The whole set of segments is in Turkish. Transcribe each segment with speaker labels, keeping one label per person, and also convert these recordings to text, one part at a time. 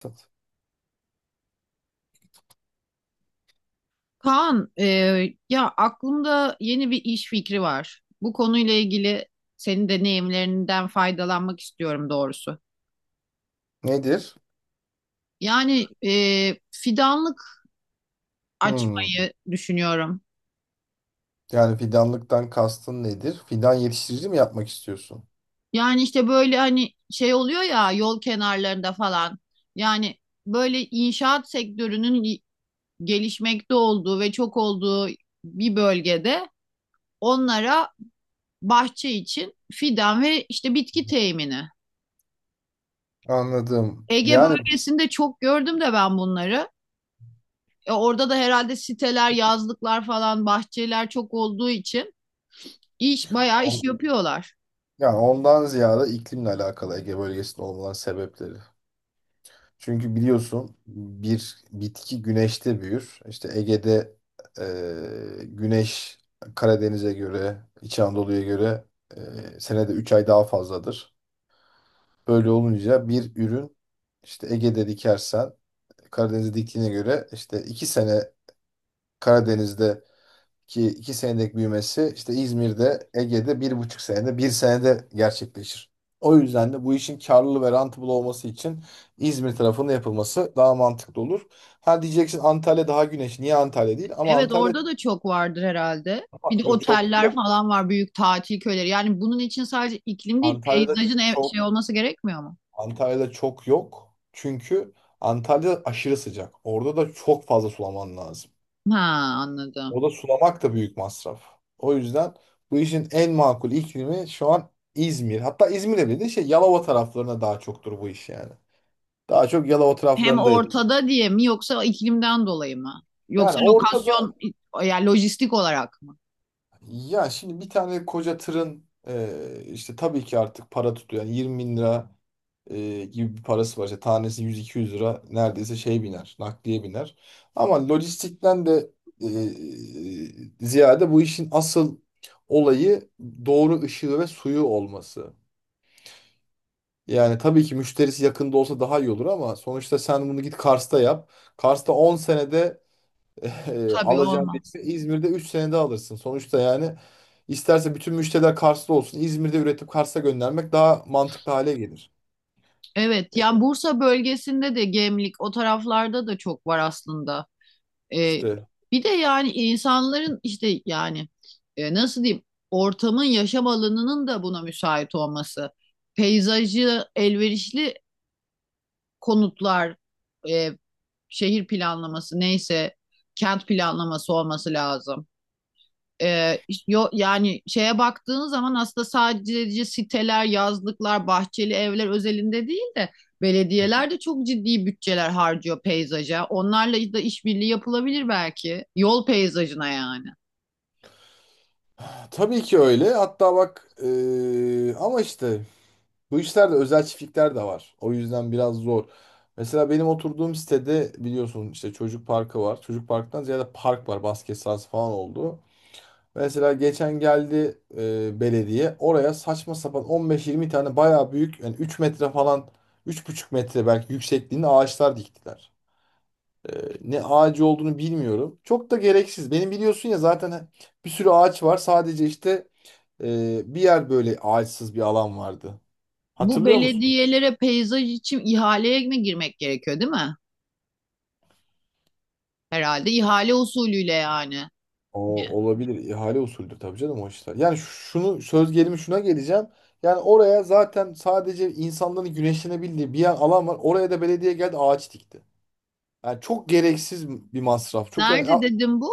Speaker 1: Tat.
Speaker 2: Kaan, ya aklımda yeni bir iş fikri var. Bu konuyla ilgili senin deneyimlerinden faydalanmak istiyorum doğrusu.
Speaker 1: Nedir?
Speaker 2: Yani fidanlık
Speaker 1: Hmm.
Speaker 2: açmayı düşünüyorum.
Speaker 1: Yani fidanlıktan kastın nedir? Fidan yetiştirici mi yapmak istiyorsun?
Speaker 2: Yani işte böyle hani şey oluyor ya yol kenarlarında falan. Yani böyle inşaat sektörünün gelişmekte olduğu ve çok olduğu bir bölgede onlara bahçe için fidan ve işte bitki temini.
Speaker 1: Anladım.
Speaker 2: Ege bölgesinde çok gördüm de ben bunları. Orada da herhalde siteler, yazlıklar falan, bahçeler çok olduğu için bayağı
Speaker 1: On-
Speaker 2: iş yapıyorlar.
Speaker 1: yani ondan ziyade iklimle alakalı Ege bölgesinde olmanın sebepleri. Çünkü biliyorsun bir bitki güneşte büyür. İşte Ege'de güneş Karadeniz'e göre, İç Anadolu'ya göre senede 3 ay daha fazladır. Böyle olunca bir ürün işte Ege'de dikersen Karadeniz'e diktiğine göre işte 2 sene Karadeniz'deki iki senelik büyümesi işte İzmir'de, Ege'de bir buçuk senede, bir senede gerçekleşir. O yüzden de bu işin karlı ve rentable olması için İzmir tarafında yapılması daha mantıklı olur. Ha diyeceksin Antalya daha güneş. Niye Antalya değil?
Speaker 2: Evet orada da çok vardır herhalde.
Speaker 1: Ama
Speaker 2: Bir de
Speaker 1: yok, çok
Speaker 2: oteller
Speaker 1: yok.
Speaker 2: falan var, büyük tatil köyleri. Yani bunun için sadece iklim değil,
Speaker 1: Antalya'da
Speaker 2: peyzajın
Speaker 1: çok
Speaker 2: şey olması gerekmiyor mu?
Speaker 1: Antalya'da çok yok. Çünkü Antalya aşırı sıcak. Orada da çok fazla sulaman lazım.
Speaker 2: Ha, anladım.
Speaker 1: O da sulamak da büyük masraf. O yüzden bu işin en makul iklimi şu an İzmir. Hatta İzmir'e bile de şey Yalova taraflarına daha çoktur bu iş yani. Daha çok Yalova
Speaker 2: Hem
Speaker 1: taraflarında yapılıyor.
Speaker 2: ortada diye mi yoksa iklimden dolayı mı?
Speaker 1: Yani
Speaker 2: Yoksa
Speaker 1: orada
Speaker 2: lokasyon yani lojistik olarak mı?
Speaker 1: Ya şimdi bir tane koca tırın işte tabii ki artık para tutuyor. Yani 20 bin lira gibi bir parası var. İşte tanesi 100-200 lira neredeyse şey biner, nakliye biner. Ama lojistikten de ziyade bu işin asıl olayı doğru ışığı ve suyu olması. Yani tabii ki müşterisi yakında olsa daha iyi olur ama sonuçta sen bunu git Kars'ta yap. Kars'ta 10 senede
Speaker 2: Tabii
Speaker 1: alacağın bir
Speaker 2: olmaz.
Speaker 1: evi İzmir'de 3 senede alırsın. Sonuçta yani isterse bütün müşteriler Kars'ta olsun. İzmir'de üretip Kars'a göndermek daha mantıklı hale gelir.
Speaker 2: Evet,
Speaker 1: E,
Speaker 2: yani Bursa bölgesinde de Gemlik o taraflarda da çok var aslında. Ee,
Speaker 1: İşte
Speaker 2: bir de yani insanların işte yani nasıl diyeyim ortamın yaşam alanının da buna müsait olması. Peyzajı elverişli konutlar, e, şehir planlaması neyse kent planlaması olması lazım. Ee, yani şeye baktığın zaman aslında sadece siteler, yazlıklar, bahçeli evler özelinde değil de
Speaker 1: Hı.
Speaker 2: belediyeler de çok ciddi bütçeler harcıyor peyzaja. Onlarla da işbirliği yapılabilir belki. Yol peyzajına yani.
Speaker 1: Tabii ki öyle. Hatta bak ama işte bu işlerde özel çiftlikler de var. O yüzden biraz zor. Mesela benim oturduğum sitede biliyorsun işte çocuk parkı var. Çocuk parktan ziyade park var. Basket sahası falan oldu. Mesela geçen geldi belediye oraya saçma sapan 15-20 tane bayağı büyük yani 3 metre falan üç buçuk metre belki yüksekliğinde ağaçlar diktiler. E, Ne ağacı olduğunu bilmiyorum. Çok da gereksiz. Benim biliyorsun ya zaten bir sürü ağaç var. Sadece işte bir yer böyle ağaçsız bir alan vardı.
Speaker 2: Bu
Speaker 1: Hatırlıyor musun?
Speaker 2: belediyelere peyzaj için ihaleye mi girmek gerekiyor, değil mi? Herhalde ihale usulüyle yani.
Speaker 1: O olabilir. İhale usulüdür tabii canım o işler. Yani şunu söz gelimi şuna geleceğim. Yani oraya zaten sadece insanların güneşlenebildiği bir yer alan var. Oraya da belediye geldi ağaç dikti. Yani çok gereksiz bir masraf. Çok yani ya
Speaker 2: Nerede dedim bu?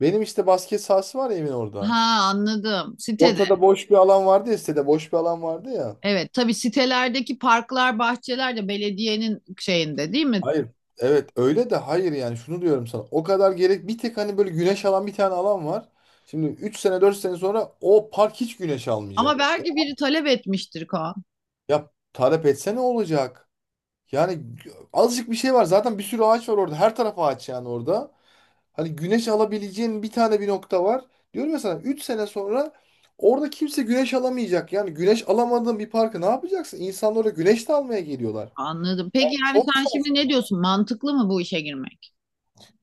Speaker 1: benim işte basket sahası var ya evin orada.
Speaker 2: Ha, anladım. Sitede.
Speaker 1: Ortada boş bir alan vardı ya sitede boş bir alan vardı ya.
Speaker 2: Evet, tabii sitelerdeki parklar, bahçeler de belediyenin şeyinde değil mi?
Speaker 1: Hayır. Evet öyle de hayır yani şunu diyorum sana. O kadar gerek bir tek hani böyle güneş alan bir tane alan var. Şimdi 3 sene 4 sene sonra o park hiç güneş
Speaker 2: Ama
Speaker 1: almayacak.
Speaker 2: belki biri talep etmiştir Kaan.
Speaker 1: Ya talep etse ne olacak? Yani azıcık bir şey var. Zaten bir sürü ağaç var orada. Her taraf ağaç yani orada. Hani güneş alabileceğin bir tane bir nokta var. Diyorum ya sana 3 sene sonra orada kimse güneş alamayacak. Yani güneş alamadığın bir parkı ne yapacaksın? İnsanlar oraya güneş de almaya geliyorlar.
Speaker 2: Anladım. Peki yani
Speaker 1: Çok
Speaker 2: sen şimdi ne
Speaker 1: saçma.
Speaker 2: diyorsun? Mantıklı mı bu işe girmek?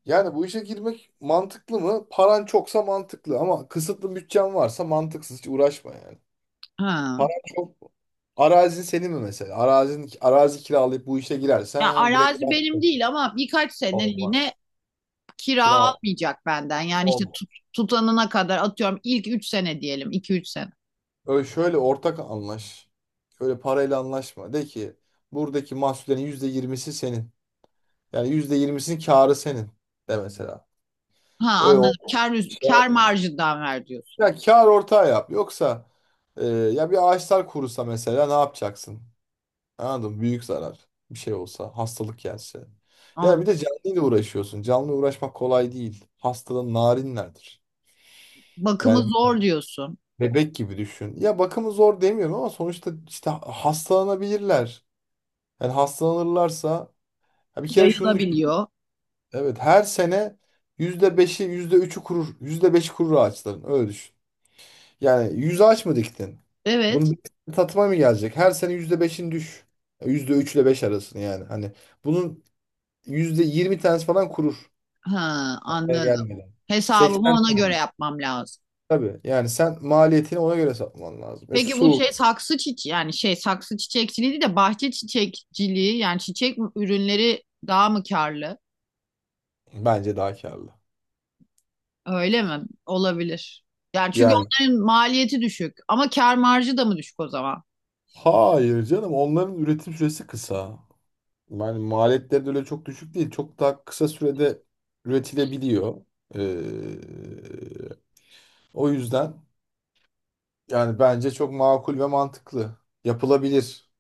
Speaker 1: Yani bu işe girmek mantıklı mı? Paran çoksa mantıklı ama kısıtlı bütçen varsa mantıksız. Hiç uğraşma yani.
Speaker 2: Ha.
Speaker 1: Paran çok Arazin senin mi mesela? Arazi kiralayıp bu işe
Speaker 2: Ya
Speaker 1: girersen direkt
Speaker 2: arazi
Speaker 1: yap.
Speaker 2: benim değil ama birkaç seneliğine
Speaker 1: Olmaz.
Speaker 2: kira
Speaker 1: Kira
Speaker 2: almayacak benden. Yani işte
Speaker 1: olmaz.
Speaker 2: tutanına kadar atıyorum ilk 3 sene diyelim. 2 3 sene.
Speaker 1: Öyle şöyle ortak anlaş. Şöyle parayla anlaşma. De ki buradaki mahsullerin yüzde yirmisi senin. Yani yüzde yirmisinin karı senin de mesela.
Speaker 2: Ha,
Speaker 1: Öyle
Speaker 2: anladım.
Speaker 1: o
Speaker 2: Kar,
Speaker 1: şey
Speaker 2: kar
Speaker 1: yapma ya.
Speaker 2: marjından ver diyorsun.
Speaker 1: Ya kar ortağı yap. Yoksa ya bir ağaçlar kurusa mesela ne yapacaksın? Anladın mı? Büyük zarar. Bir şey olsa, hastalık gelse. Yani bir
Speaker 2: Anladım.
Speaker 1: de canlıyla uğraşıyorsun. Canlı uğraşmak kolay değil. Hastalığın narinlerdir.
Speaker 2: Bakımı
Speaker 1: Yani
Speaker 2: zor diyorsun.
Speaker 1: bebek gibi düşün. Ya bakımı zor demiyorum ama sonuçta işte hastalanabilirler. Yani hastalanırlarsa ya bir kere şunu düşün.
Speaker 2: Yayılabiliyor.
Speaker 1: Evet her sene yüzde beşi yüzde üçü kurur. %5'i kurur ağaçların. Öyle düşün. Yani 100 ağaç mı diktin?
Speaker 2: Evet.
Speaker 1: Bunun bir tatıma mı gelecek? Her sene yüzde beşin düş. %3 ile 5 arasını yani. Hani bunun %20 tanesi falan kurur.
Speaker 2: Ha,
Speaker 1: Oraya
Speaker 2: anladım.
Speaker 1: gelmeden.
Speaker 2: Hesabımı
Speaker 1: 80
Speaker 2: ona göre
Speaker 1: tane.
Speaker 2: yapmam lazım.
Speaker 1: Tabii. Yani sen maliyetini ona göre satman lazım. E
Speaker 2: Peki bu
Speaker 1: su
Speaker 2: şey saksı çiçeği yani şey saksı çiçekçiliği değil de bahçe çiçekçiliği yani çiçek ürünleri daha mı karlı?
Speaker 1: Bence daha karlı.
Speaker 2: Öyle mi? Olabilir. Yani çünkü
Speaker 1: Yani
Speaker 2: onların maliyeti düşük ama kâr marjı da mı düşük o zaman?
Speaker 1: hayır canım onların üretim süresi kısa. Yani maliyetleri de öyle çok düşük değil. Çok daha kısa sürede üretilebiliyor. Ee, O yüzden yani bence çok makul ve mantıklı. Yapılabilir.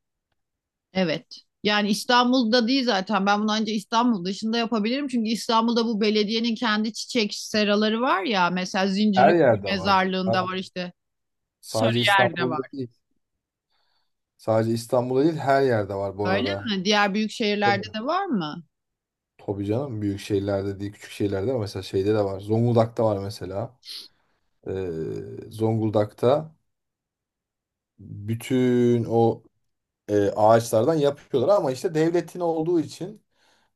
Speaker 2: Evet. Yani İstanbul'da değil zaten. Ben bunu ancak İstanbul dışında yapabilirim. Çünkü İstanbul'da bu belediyenin kendi çiçek seraları var ya. Mesela
Speaker 1: Her
Speaker 2: Zincirlikuyu
Speaker 1: yerde var.
Speaker 2: Mezarlığı'nda
Speaker 1: Abi,
Speaker 2: var işte.
Speaker 1: sadece
Speaker 2: Sarıyer'de
Speaker 1: İstanbul'da
Speaker 2: var.
Speaker 1: değil. Sadece İstanbul'da değil her yerde var bu
Speaker 2: Öyle
Speaker 1: arada.
Speaker 2: mi? Diğer büyük şehirlerde
Speaker 1: Tabii.
Speaker 2: de var mı?
Speaker 1: Tabii canım büyük şehirlerde değil küçük şehirlerde ama mesela şeyde de var. Zonguldak'ta var mesela. Zonguldak'ta bütün o ağaçlardan yapıyorlar ama işte devletin olduğu için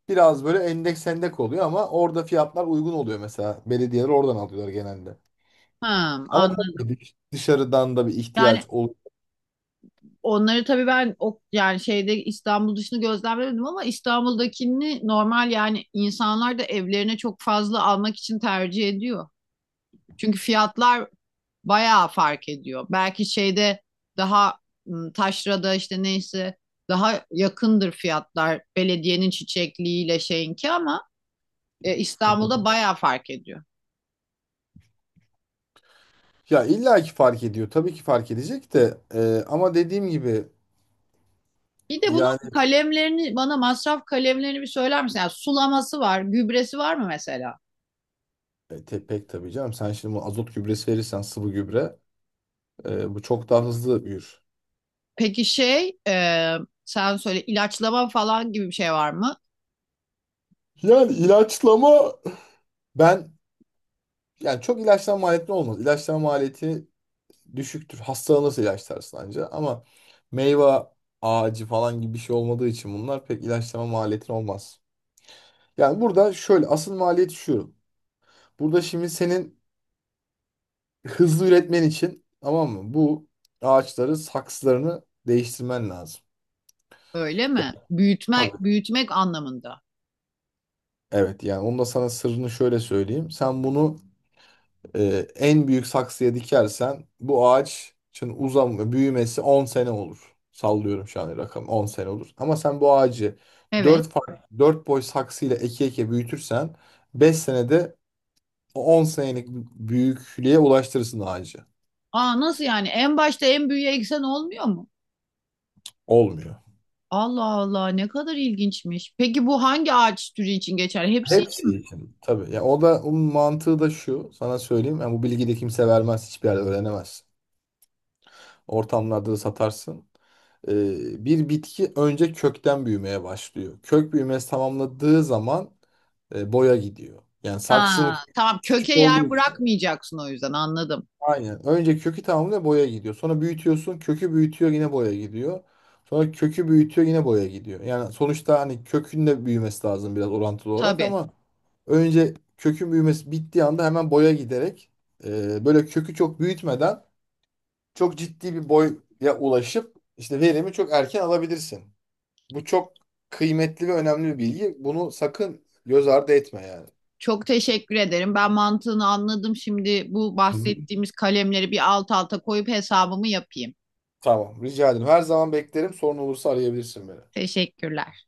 Speaker 1: biraz böyle endeks oluyor ama orada fiyatlar uygun oluyor mesela. Belediyeler oradan alıyorlar genelde.
Speaker 2: Ha,
Speaker 1: Ama
Speaker 2: anladım.
Speaker 1: tabii ki dışarıdan da bir
Speaker 2: Yani
Speaker 1: ihtiyaç oluyor.
Speaker 2: onları tabii ben o yani şeyde İstanbul dışını gözlemlemedim ama İstanbul'dakini normal yani insanlar da evlerine çok fazla almak için tercih ediyor. Çünkü fiyatlar bayağı fark ediyor. Belki şeyde daha taşrada işte neyse daha yakındır fiyatlar belediyenin çiçekliğiyle şeyinki ama İstanbul'da bayağı fark ediyor.
Speaker 1: Ya illa ki fark ediyor. Tabii ki fark edecek de ama dediğim gibi
Speaker 2: Bir de
Speaker 1: yani
Speaker 2: bunun kalemlerini bana masraf kalemlerini bir söyler misin? Yani sulaması var, gübresi var mı mesela?
Speaker 1: pek tabii canım. Sen şimdi bu azot gübresi verirsen sıvı gübre bu çok daha hızlı büyür.
Speaker 2: Peki şey sen söyle ilaçlama falan gibi bir şey var mı?
Speaker 1: Yani ilaçlama ben yani çok ilaçlama maliyetli olmaz. İlaçlama maliyeti düşüktür. Hastalanırsa ilaçlarsın anca. Ama meyve ağacı falan gibi bir şey olmadığı için bunlar pek ilaçlama maliyetin olmaz. Yani burada şöyle asıl maliyet şu. Burada şimdi senin hızlı üretmen için tamam mı? Bu ağaçları saksılarını değiştirmen lazım.
Speaker 2: Öyle
Speaker 1: Ya,
Speaker 2: mi?
Speaker 1: tabii.
Speaker 2: Büyütmek anlamında.
Speaker 1: Evet yani onu da sana sırrını şöyle söyleyeyim. Sen bunu En büyük saksıya dikersen bu ağaçın uzam büyümesi 10 sene olur. Sallıyorum şu an rakam 10 sene olur. Ama sen bu ağacı
Speaker 2: Evet.
Speaker 1: 4 farklı 4 boy saksıyla eke eke büyütürsen 5 senede o 10 senelik büyüklüğe ulaştırırsın ağacı.
Speaker 2: Aa, nasıl yani? En başta en büyüğe eksen olmuyor mu?
Speaker 1: Olmuyor.
Speaker 2: Allah Allah, ne kadar ilginçmiş. Peki bu hangi ağaç türü için geçer? Hepsi için mi?
Speaker 1: Hepsi için. Tabii. Ya o da onun mantığı da şu. Sana söyleyeyim. Yani bu bilgiyi de kimse vermez. Hiçbir yerde öğrenemezsin. Ortamlarda da satarsın. Bir bitki önce kökten büyümeye başlıyor. Kök büyümesi tamamladığı zaman boya gidiyor. Yani
Speaker 2: Ha,
Speaker 1: saksının
Speaker 2: tamam, köke
Speaker 1: küçük olduğu
Speaker 2: yer
Speaker 1: için
Speaker 2: bırakmayacaksın o yüzden, anladım.
Speaker 1: aynen. Önce kökü tamamlıyor boya gidiyor. Sonra büyütüyorsun kökü büyütüyor yine boya gidiyor. Sonra kökü büyütüyor yine boya gidiyor. Yani sonuçta hani kökün de büyümesi lazım biraz orantılı olarak
Speaker 2: Tabii.
Speaker 1: ama önce kökün büyümesi bittiği anda hemen boya giderek böyle kökü çok büyütmeden çok ciddi bir boya ulaşıp işte verimi çok erken alabilirsin. Bu çok kıymetli ve önemli bir bilgi. Bunu sakın göz ardı etme yani.
Speaker 2: Çok teşekkür ederim. Ben mantığını anladım. Şimdi bu
Speaker 1: Hı hı.
Speaker 2: bahsettiğimiz kalemleri bir alt alta koyup hesabımı yapayım.
Speaker 1: Tamam, rica ederim. Her zaman beklerim. Sorun olursa arayabilirsin beni.
Speaker 2: Teşekkürler.